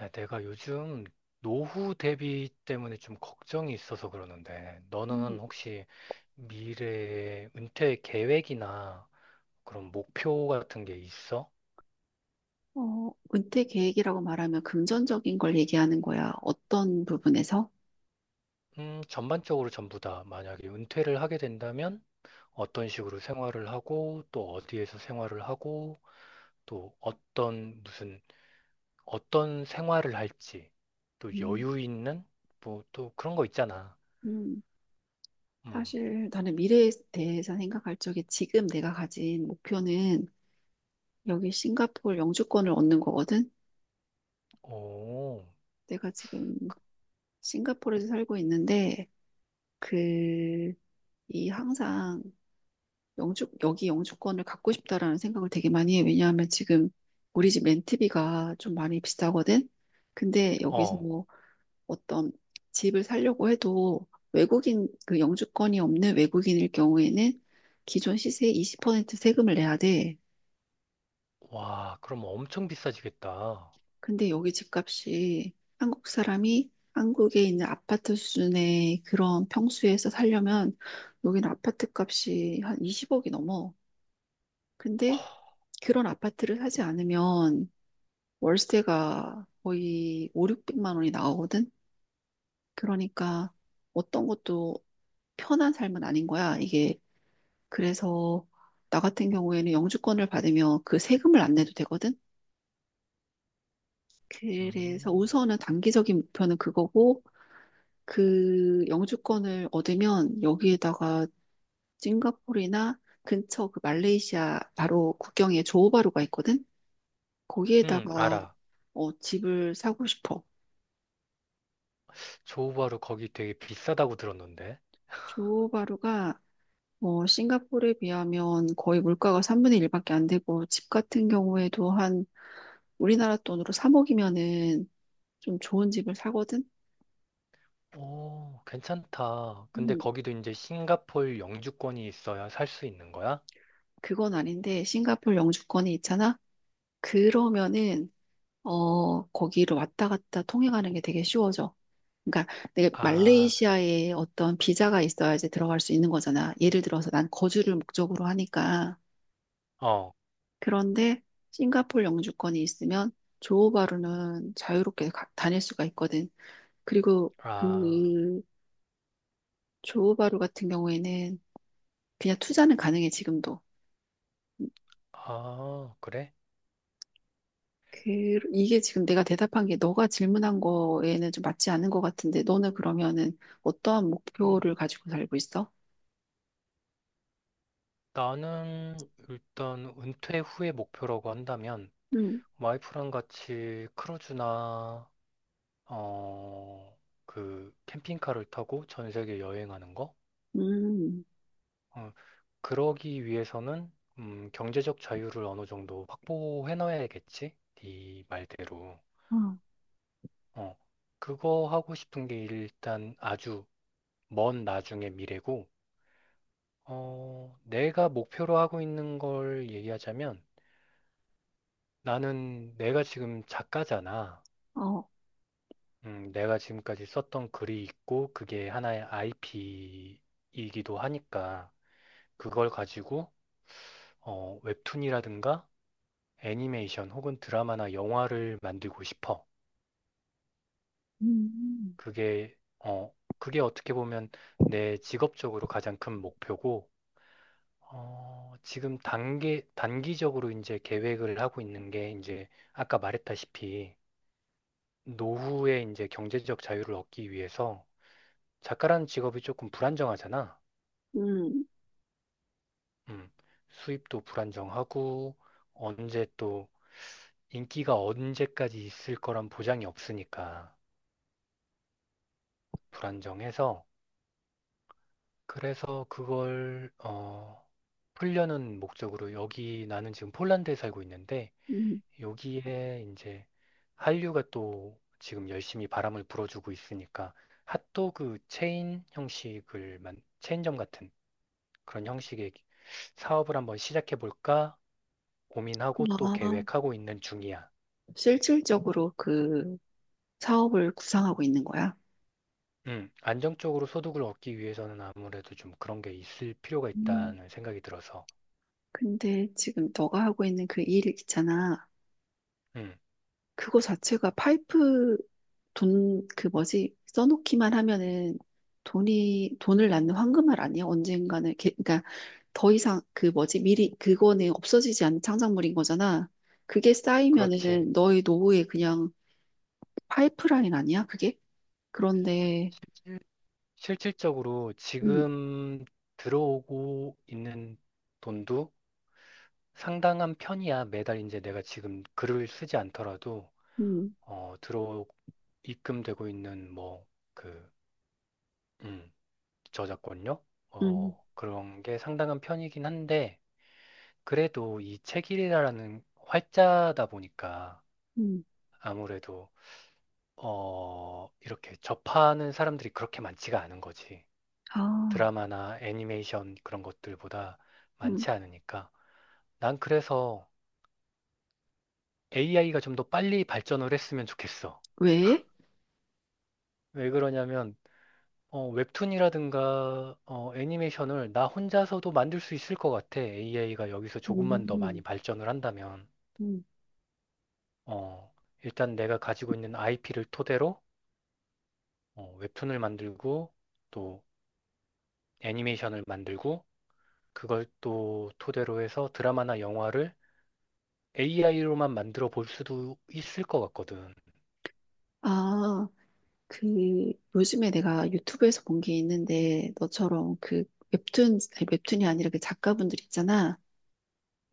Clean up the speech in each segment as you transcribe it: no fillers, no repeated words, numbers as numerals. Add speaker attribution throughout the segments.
Speaker 1: 야, 내가 요즘 노후 대비 때문에 좀 걱정이 있어서 그러는데,
Speaker 2: 음,
Speaker 1: 너는 혹시 미래의 은퇴 계획이나 그런 목표 같은 게 있어?
Speaker 2: 어, 은퇴 계획이라고 말하면 금전적인 걸 얘기하는 거야. 어떤 부분에서?
Speaker 1: 전반적으로 전부 다 만약에 은퇴를 하게 된다면 어떤 식으로 생활을 하고 또 어디에서 생활을 하고 또 어떤 무슨 어떤 생활을 할지 또
Speaker 2: 음,
Speaker 1: 여유 있는 뭐 또 그런 거 있잖아.
Speaker 2: 음,
Speaker 1: 음.
Speaker 2: 사실 나는 미래에 대해서 생각할 적에 지금 내가 가진 목표는 여기 싱가포르 영주권을 얻는 거거든.
Speaker 1: 오.
Speaker 2: 내가 지금 싱가포르에서 살고 있는데 그 이 항상 영주 여기 영주권을 갖고 싶다라는 생각을 되게 많이 해. 왜냐하면 지금 우리 집 렌트비가 좀 많이 비싸거든. 근데 여기서
Speaker 1: 어.
Speaker 2: 뭐 어떤 집을 살려고 해도 외국인, 그 영주권이 없는 외국인일 경우에는 기존 시세의 20% 세금을 내야 돼.
Speaker 1: 와, 그럼 엄청 비싸지겠다. 어,
Speaker 2: 근데 여기 집값이 한국 사람이 한국에 있는 아파트 수준의 그런 평수에서 살려면 여기는 아파트 값이 한 20억이 넘어. 근데 그런 아파트를 사지 않으면 월세가 거의 5, 600만 원이 나오거든? 그러니까 어떤 것도 편한 삶은 아닌 거야. 이게 그래서 나 같은 경우에는 영주권을 받으면 그 세금을 안 내도 되거든. 그래서
Speaker 1: 음,
Speaker 2: 우선은 단기적인 목표는 그거고 그 영주권을 얻으면 여기에다가 싱가포르나 근처 그 말레이시아 바로 국경에 조호바루가 있거든.
Speaker 1: 응,
Speaker 2: 거기에다가
Speaker 1: 알아.
Speaker 2: 어, 집을 사고 싶어.
Speaker 1: 조우바루 거기 되게 비싸다고 들었는데.
Speaker 2: 조호바루가 뭐 싱가포르에 비하면 거의 물가가 3분의 1밖에 안 되고 집 같은 경우에도 한 우리나라 돈으로 3억이면은 좀 좋은 집을 사거든?
Speaker 1: 오, 괜찮다. 근데
Speaker 2: 음,
Speaker 1: 거기도 이제 싱가폴 영주권이 있어야 살 수 있는 거야?
Speaker 2: 그건 아닌데, 싱가포르 영주권이 있잖아? 그러면은, 어, 거기를 왔다 갔다 통행하는 게 되게 쉬워져. 그러니까 내가
Speaker 1: 아,
Speaker 2: 말레이시아에 어떤 비자가 있어야지 들어갈 수 있는 거잖아. 예를 들어서 난 거주를 목적으로 하니까.
Speaker 1: 어,
Speaker 2: 그런데 싱가포르 영주권이 있으면 조호바루는 자유롭게 다닐 수가 있거든. 그리고 그
Speaker 1: 아,
Speaker 2: 조호바루 같은 경우에는 그냥 투자는 가능해, 지금도.
Speaker 1: 아, 그래?
Speaker 2: 그, 이게 지금 내가 대답한 게 너가 질문한 거에는 좀 맞지 않은 것 같은데, 너는 그러면은 어떠한
Speaker 1: 음,
Speaker 2: 목표를 가지고 살고 있어?
Speaker 1: 나는 일단 은퇴 후의 목표라고 한다면
Speaker 2: 음,
Speaker 1: 와이프랑 같이 크루즈나 어, 그 캠핑카를 타고 전 세계 여행하는 거?
Speaker 2: 음,
Speaker 1: 어. 그러기 위해서는 경제적 자유를 어느 정도 확보해 놔야겠지? 네 말대로.
Speaker 2: 어,
Speaker 1: 어, 그거 하고 싶은 게 일단 아주 먼 나중의 미래고, 내가 목표로 하고 있는 걸 얘기하자면 나는 내가 지금 작가잖아.
Speaker 2: 어,
Speaker 1: 내가 지금까지 썼던 글이 있고 그게 하나의 IP이기도 하니까 그걸 가지고 웹툰이라든가 애니메이션 혹은 드라마나 영화를 만들고 싶어.
Speaker 2: 음,
Speaker 1: 그게, 어, 그게 어떻게 보면 내 직업적으로 가장 큰 목표고, 어, 지금 단기적으로 이제 계획을 하고 있는 게 이제 아까 말했다시피 노후에 이제 경제적 자유를 얻기 위해서 작가라는 직업이 조금 불안정하잖아.
Speaker 2: 음,
Speaker 1: 음, 수입도 불안정하고, 언제 또 인기가 언제까지 있을 거란 보장이 없으니까 불안정해서 그래서 그걸 풀려는 목적으로 여기 나는 지금 폴란드에 살고 있는데
Speaker 2: 음.
Speaker 1: 여기에 이제 한류가 또 지금 열심히 바람을 불어주고 있으니까 핫도그 체인 형식을 만 체인점 같은 그런 형식의 사업을 한번 시작해 볼까 고민하고 또
Speaker 2: 아,
Speaker 1: 계획하고 있는 중이야.
Speaker 2: 실질적으로 그 사업을 구상하고 있는 거야?
Speaker 1: 안정적으로 소득을 얻기 위해서는 아무래도 좀 그런 게 있을 필요가
Speaker 2: 음,
Speaker 1: 있다는 생각이 들어서.
Speaker 2: 근데 지금 너가 하고 있는 그 일 있잖아.
Speaker 1: 음,
Speaker 2: 그거 자체가 파이프 돈, 그 뭐지, 써놓기만 하면은 돈을 낳는 황금알 아니야? 언젠가는. 그러니까 더 이상 그 뭐지, 미리, 그거는 없어지지 않는 창작물인 거잖아. 그게
Speaker 1: 그렇지.
Speaker 2: 쌓이면은 너의 노후에 그냥 파이프라인 아니야? 그게? 그런데,
Speaker 1: 실질적으로
Speaker 2: 음,
Speaker 1: 지금 들어오고 있는 돈도 상당한 편이야. 매달 이제 내가 지금 글을 쓰지 않더라도
Speaker 2: 음,
Speaker 1: 어, 들어 입금되고 있는 그 음, 저작권료
Speaker 2: 음,
Speaker 1: 그런 게 상당한 편이긴 한데 그래도 이 책이라는 활자다 보니까
Speaker 2: 음,
Speaker 1: 아무래도 이렇게 접하는 사람들이 그렇게 많지가 않은 거지.
Speaker 2: 아,
Speaker 1: 드라마나 애니메이션 그런 것들보다
Speaker 2: 음,
Speaker 1: 많지 않으니까. 난 그래서 AI가 좀 더 빨리 발전을 했으면 좋겠어.
Speaker 2: 왜?
Speaker 1: 왜 그러냐면, 웹툰이라든가, 애니메이션을 나 혼자서도 만들 수 있을 것 같아. AI가 여기서 조금만 더 많이
Speaker 2: 음,
Speaker 1: 발전을 한다면.
Speaker 2: 음,
Speaker 1: 어, 일단 내가 가지고 있는 IP를 토대로, 웹툰을 만들고, 또 애니메이션을 만들고, 그걸 또 토대로 해서 드라마나 영화를 AI로만 만들어 볼 수도 있을 것 같거든.
Speaker 2: 아. 그 요즘에 내가 유튜브에서 본 게 있는데 너처럼 그 웹툰 아니, 웹툰이 아니라 그 작가분들 있잖아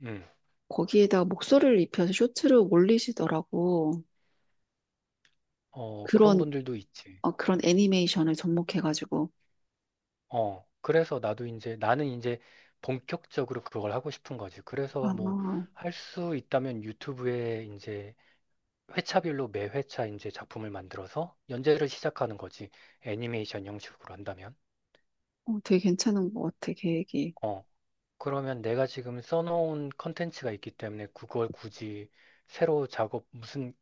Speaker 1: 음.
Speaker 2: 거기에다가 목소리를 입혀서 쇼츠로 올리시더라고.
Speaker 1: 어, 그런
Speaker 2: 그런
Speaker 1: 분들도 있지.
Speaker 2: 어, 그런 애니메이션을 접목해가지고
Speaker 1: 어, 그래서 나는 이제 본격적으로 그걸 하고 싶은 거지. 그래서 뭐,
Speaker 2: 아,
Speaker 1: 할 수 있다면 유튜브에 이제 회차별로 매 회차 이제 작품을 만들어서 연재를 시작하는 거지. 애니메이션 형식으로 한다면.
Speaker 2: 어, 되게 괜찮은 것 같아 계획이.
Speaker 1: 어, 그러면 내가 지금 써놓은 컨텐츠가 있기 때문에 그걸 굳이 새로 작업, 무슨,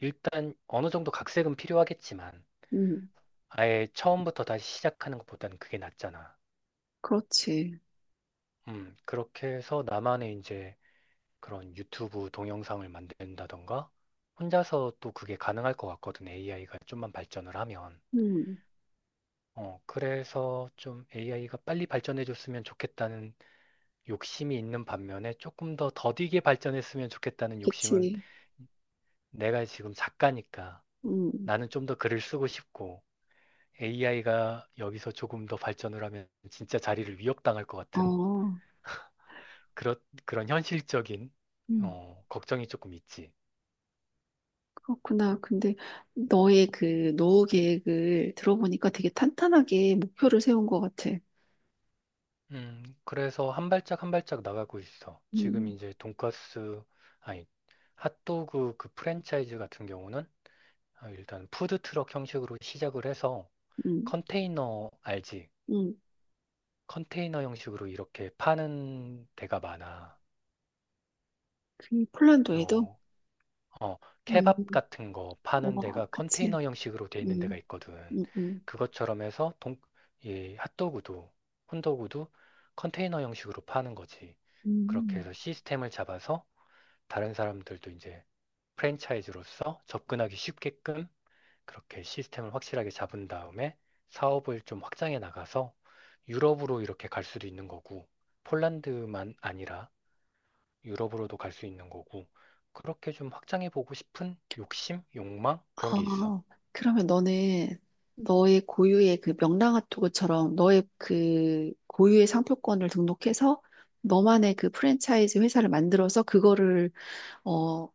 Speaker 1: 일단 어느 정도 각색은 필요하겠지만,
Speaker 2: 음.
Speaker 1: 아예 처음부터 다시 시작하는 것보다는 그게 낫잖아.
Speaker 2: 그렇지.
Speaker 1: 그렇게 해서 나만의 이제 그런 유튜브 동영상을 만든다던가 혼자서 또 그게 가능할 것 같거든. AI가 좀만 발전을 하면.
Speaker 2: 음.
Speaker 1: 어, 그래서 좀 AI가 빨리 발전해 줬으면 좋겠다는 욕심이 있는 반면에 조금 더 더디게 발전했으면 좋겠다는 욕심은
Speaker 2: 그치.
Speaker 1: 내가 지금 작가니까
Speaker 2: 음어.
Speaker 1: 나는 좀 더 글을 쓰고 싶고 AI가 여기서 조금 더 발전을 하면 진짜 자리를 위협당할 것 같은 그런 현실적인,
Speaker 2: 음,
Speaker 1: 걱정이 조금 있지.
Speaker 2: 그렇구나. 근데 너의 그 노후 계획을 들어보니까 되게 탄탄하게 목표를 세운 것 같아.
Speaker 1: 그래서 한 발짝 한 발짝 나가고 있어. 지금
Speaker 2: 음.
Speaker 1: 이제 돈가스, 아니, 핫도그 그 프랜차이즈 같은 경우는 아, 일단 푸드트럭 형식으로 시작을 해서
Speaker 2: 음.
Speaker 1: 컨테이너, 알지?
Speaker 2: 음,
Speaker 1: 컨테이너 형식으로 이렇게 파는 데가 많아.
Speaker 2: 그 폴란드에도?
Speaker 1: 어, 어,
Speaker 2: 음,
Speaker 1: 케밥 같은 거 파는
Speaker 2: 어,
Speaker 1: 데가
Speaker 2: 그치.
Speaker 1: 컨테이너 형식으로 돼 있는 데가
Speaker 2: 음,
Speaker 1: 있거든.
Speaker 2: 음, 음.
Speaker 1: 그것처럼 해서 이 핫도그도, 콘도그도 컨테이너 형식으로 파는 거지. 그렇게
Speaker 2: 음.
Speaker 1: 해서 시스템을 잡아서 다른 사람들도 이제 프랜차이즈로서 접근하기 쉽게끔 그렇게 시스템을 확실하게 잡은 다음에 사업을 좀 확장해 나가서 유럽으로 이렇게 갈 수도 있는 거고, 폴란드만 아니라 유럽으로도 갈 수 있는 거고, 그렇게 좀 확장해 보고 싶은 욕심, 욕망 그런 게 있어.
Speaker 2: 아, 그러면 너는 너의 고유의 그 명랑핫도그처럼 너의 그 고유의 상표권을 등록해서 너만의 그 프랜차이즈 회사를 만들어서 그거를 어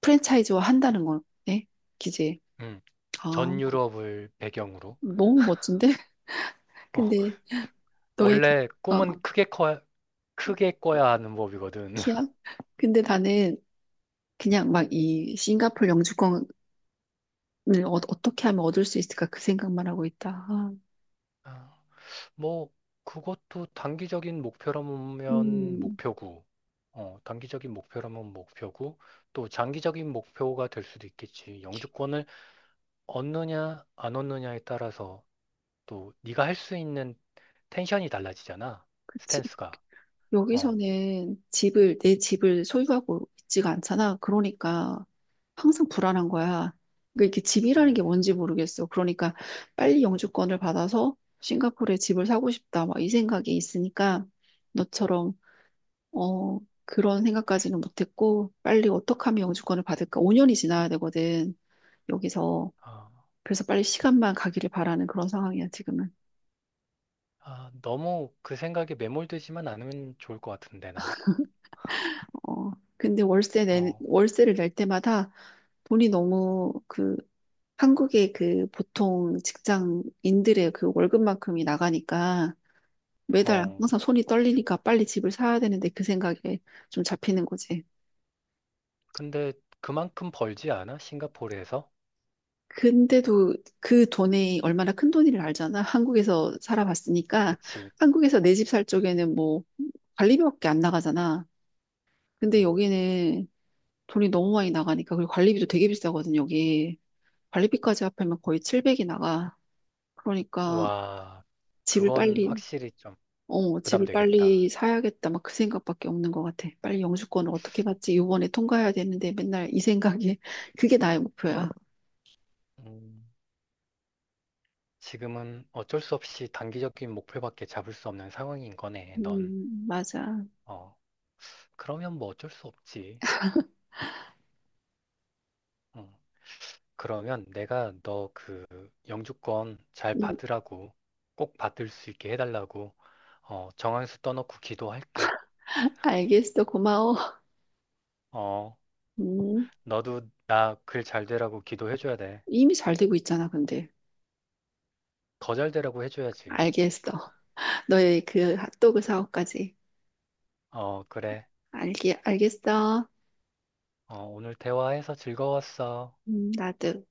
Speaker 2: 프랜차이즈화 한다는 거네, 기지?
Speaker 1: 음,
Speaker 2: 아,
Speaker 1: 전 유럽을 배경으로.
Speaker 2: 너무 멋진데?
Speaker 1: 어,
Speaker 2: 근데 너의
Speaker 1: 원래
Speaker 2: 어,
Speaker 1: 꿈은 크게 꿔야 하는 법이거든.
Speaker 2: 키야. 근데 나는 그냥 막 이 싱가폴 영주권 네, 어, 어떻게 하면 얻을 수 있을까 그 생각만 하고 있다. 아,
Speaker 1: 아, 뭐 그것도 단기적인 목표라면
Speaker 2: 음,
Speaker 1: 목표고, 단기적인 목표라면 목표고, 또 장기적인 목표가 될 수도 있겠지. 영주권을 얻느냐 안 얻느냐에 따라서 또 네가 할 수 있는 텐션이 달라지잖아.
Speaker 2: 그치.
Speaker 1: 스탠스가. 어.
Speaker 2: 여기서는 내 집을 소유하고 있지가 않잖아. 그러니까 항상 불안한 거야. 그러니까 이게
Speaker 1: 음.
Speaker 2: 집이라는 게 뭔지 모르겠어. 그러니까 빨리 영주권을 받아서 싱가포르에 집을 사고 싶다. 막 이 생각이 있으니까 너처럼, 어, 그런 생각까지는 못했고, 빨리 어떻게 하면 영주권을 받을까? 5년이 지나야 되거든. 여기서.
Speaker 1: 아,
Speaker 2: 그래서 빨리 시간만 가기를 바라는 그런 상황이야, 지금은.
Speaker 1: 아, 너무 그 생각에 매몰되지만 않으면 좋을 것 같은데, 난.
Speaker 2: 어, 근데
Speaker 1: 어,
Speaker 2: 월세를 낼 때마다 돈이 너무 그 한국의 그 보통 직장인들의 그 월급만큼이 나가니까 매달
Speaker 1: 어.
Speaker 2: 항상 손이 떨리니까 빨리 집을 사야 되는데 그 생각에 좀 잡히는 거지.
Speaker 1: 근데 그만큼 벌지 않아? 싱가포르에서?
Speaker 2: 근데도 그 돈이 얼마나 큰 돈인지를 알잖아. 한국에서 살아봤으니까
Speaker 1: 그치.
Speaker 2: 한국에서 내 집 살 쪽에는 뭐 관리비밖에 안 나가잖아. 근데
Speaker 1: 음.
Speaker 2: 여기는 돈이 너무 많이 나가니까 그리고 관리비도 되게 비싸거든, 여기. 관리비까지 합하면 거의 700이 나가. 그러니까
Speaker 1: 와,
Speaker 2: 집을
Speaker 1: 그건
Speaker 2: 빨리,
Speaker 1: 확실히 좀
Speaker 2: 어, 집을 빨리
Speaker 1: 부담되겠다.
Speaker 2: 사야겠다. 막 그 생각밖에 없는 것 같아. 빨리 영주권을 어떻게 받지? 요번에 통과해야 되는데 맨날 이 생각이, 그게 나의 목표야.
Speaker 1: 음, 지금은 어쩔 수 없이 단기적인 목표밖에 잡을 수 없는 상황인 거네, 넌.
Speaker 2: 맞아.
Speaker 1: 어, 그러면 뭐 어쩔 수 없지. 어. 그러면 내가 너 그 영주권 잘
Speaker 2: 음,
Speaker 1: 받으라고 꼭 받을 수 있게 해달라고 정한수 떠놓고 기도할게.
Speaker 2: 알겠어. 고마워.
Speaker 1: 어,
Speaker 2: 음,
Speaker 1: 너도 나 글 잘 되라고 기도해줘야 돼.
Speaker 2: 이미 잘 되고 있잖아, 근데.
Speaker 1: 더 잘 되라고 해줘야지.
Speaker 2: 알겠어. 너의 그 핫도그 사업까지.
Speaker 1: 어, 그래.
Speaker 2: 알겠어.
Speaker 1: 어, 오늘 대화해서 즐거웠어.
Speaker 2: 나도.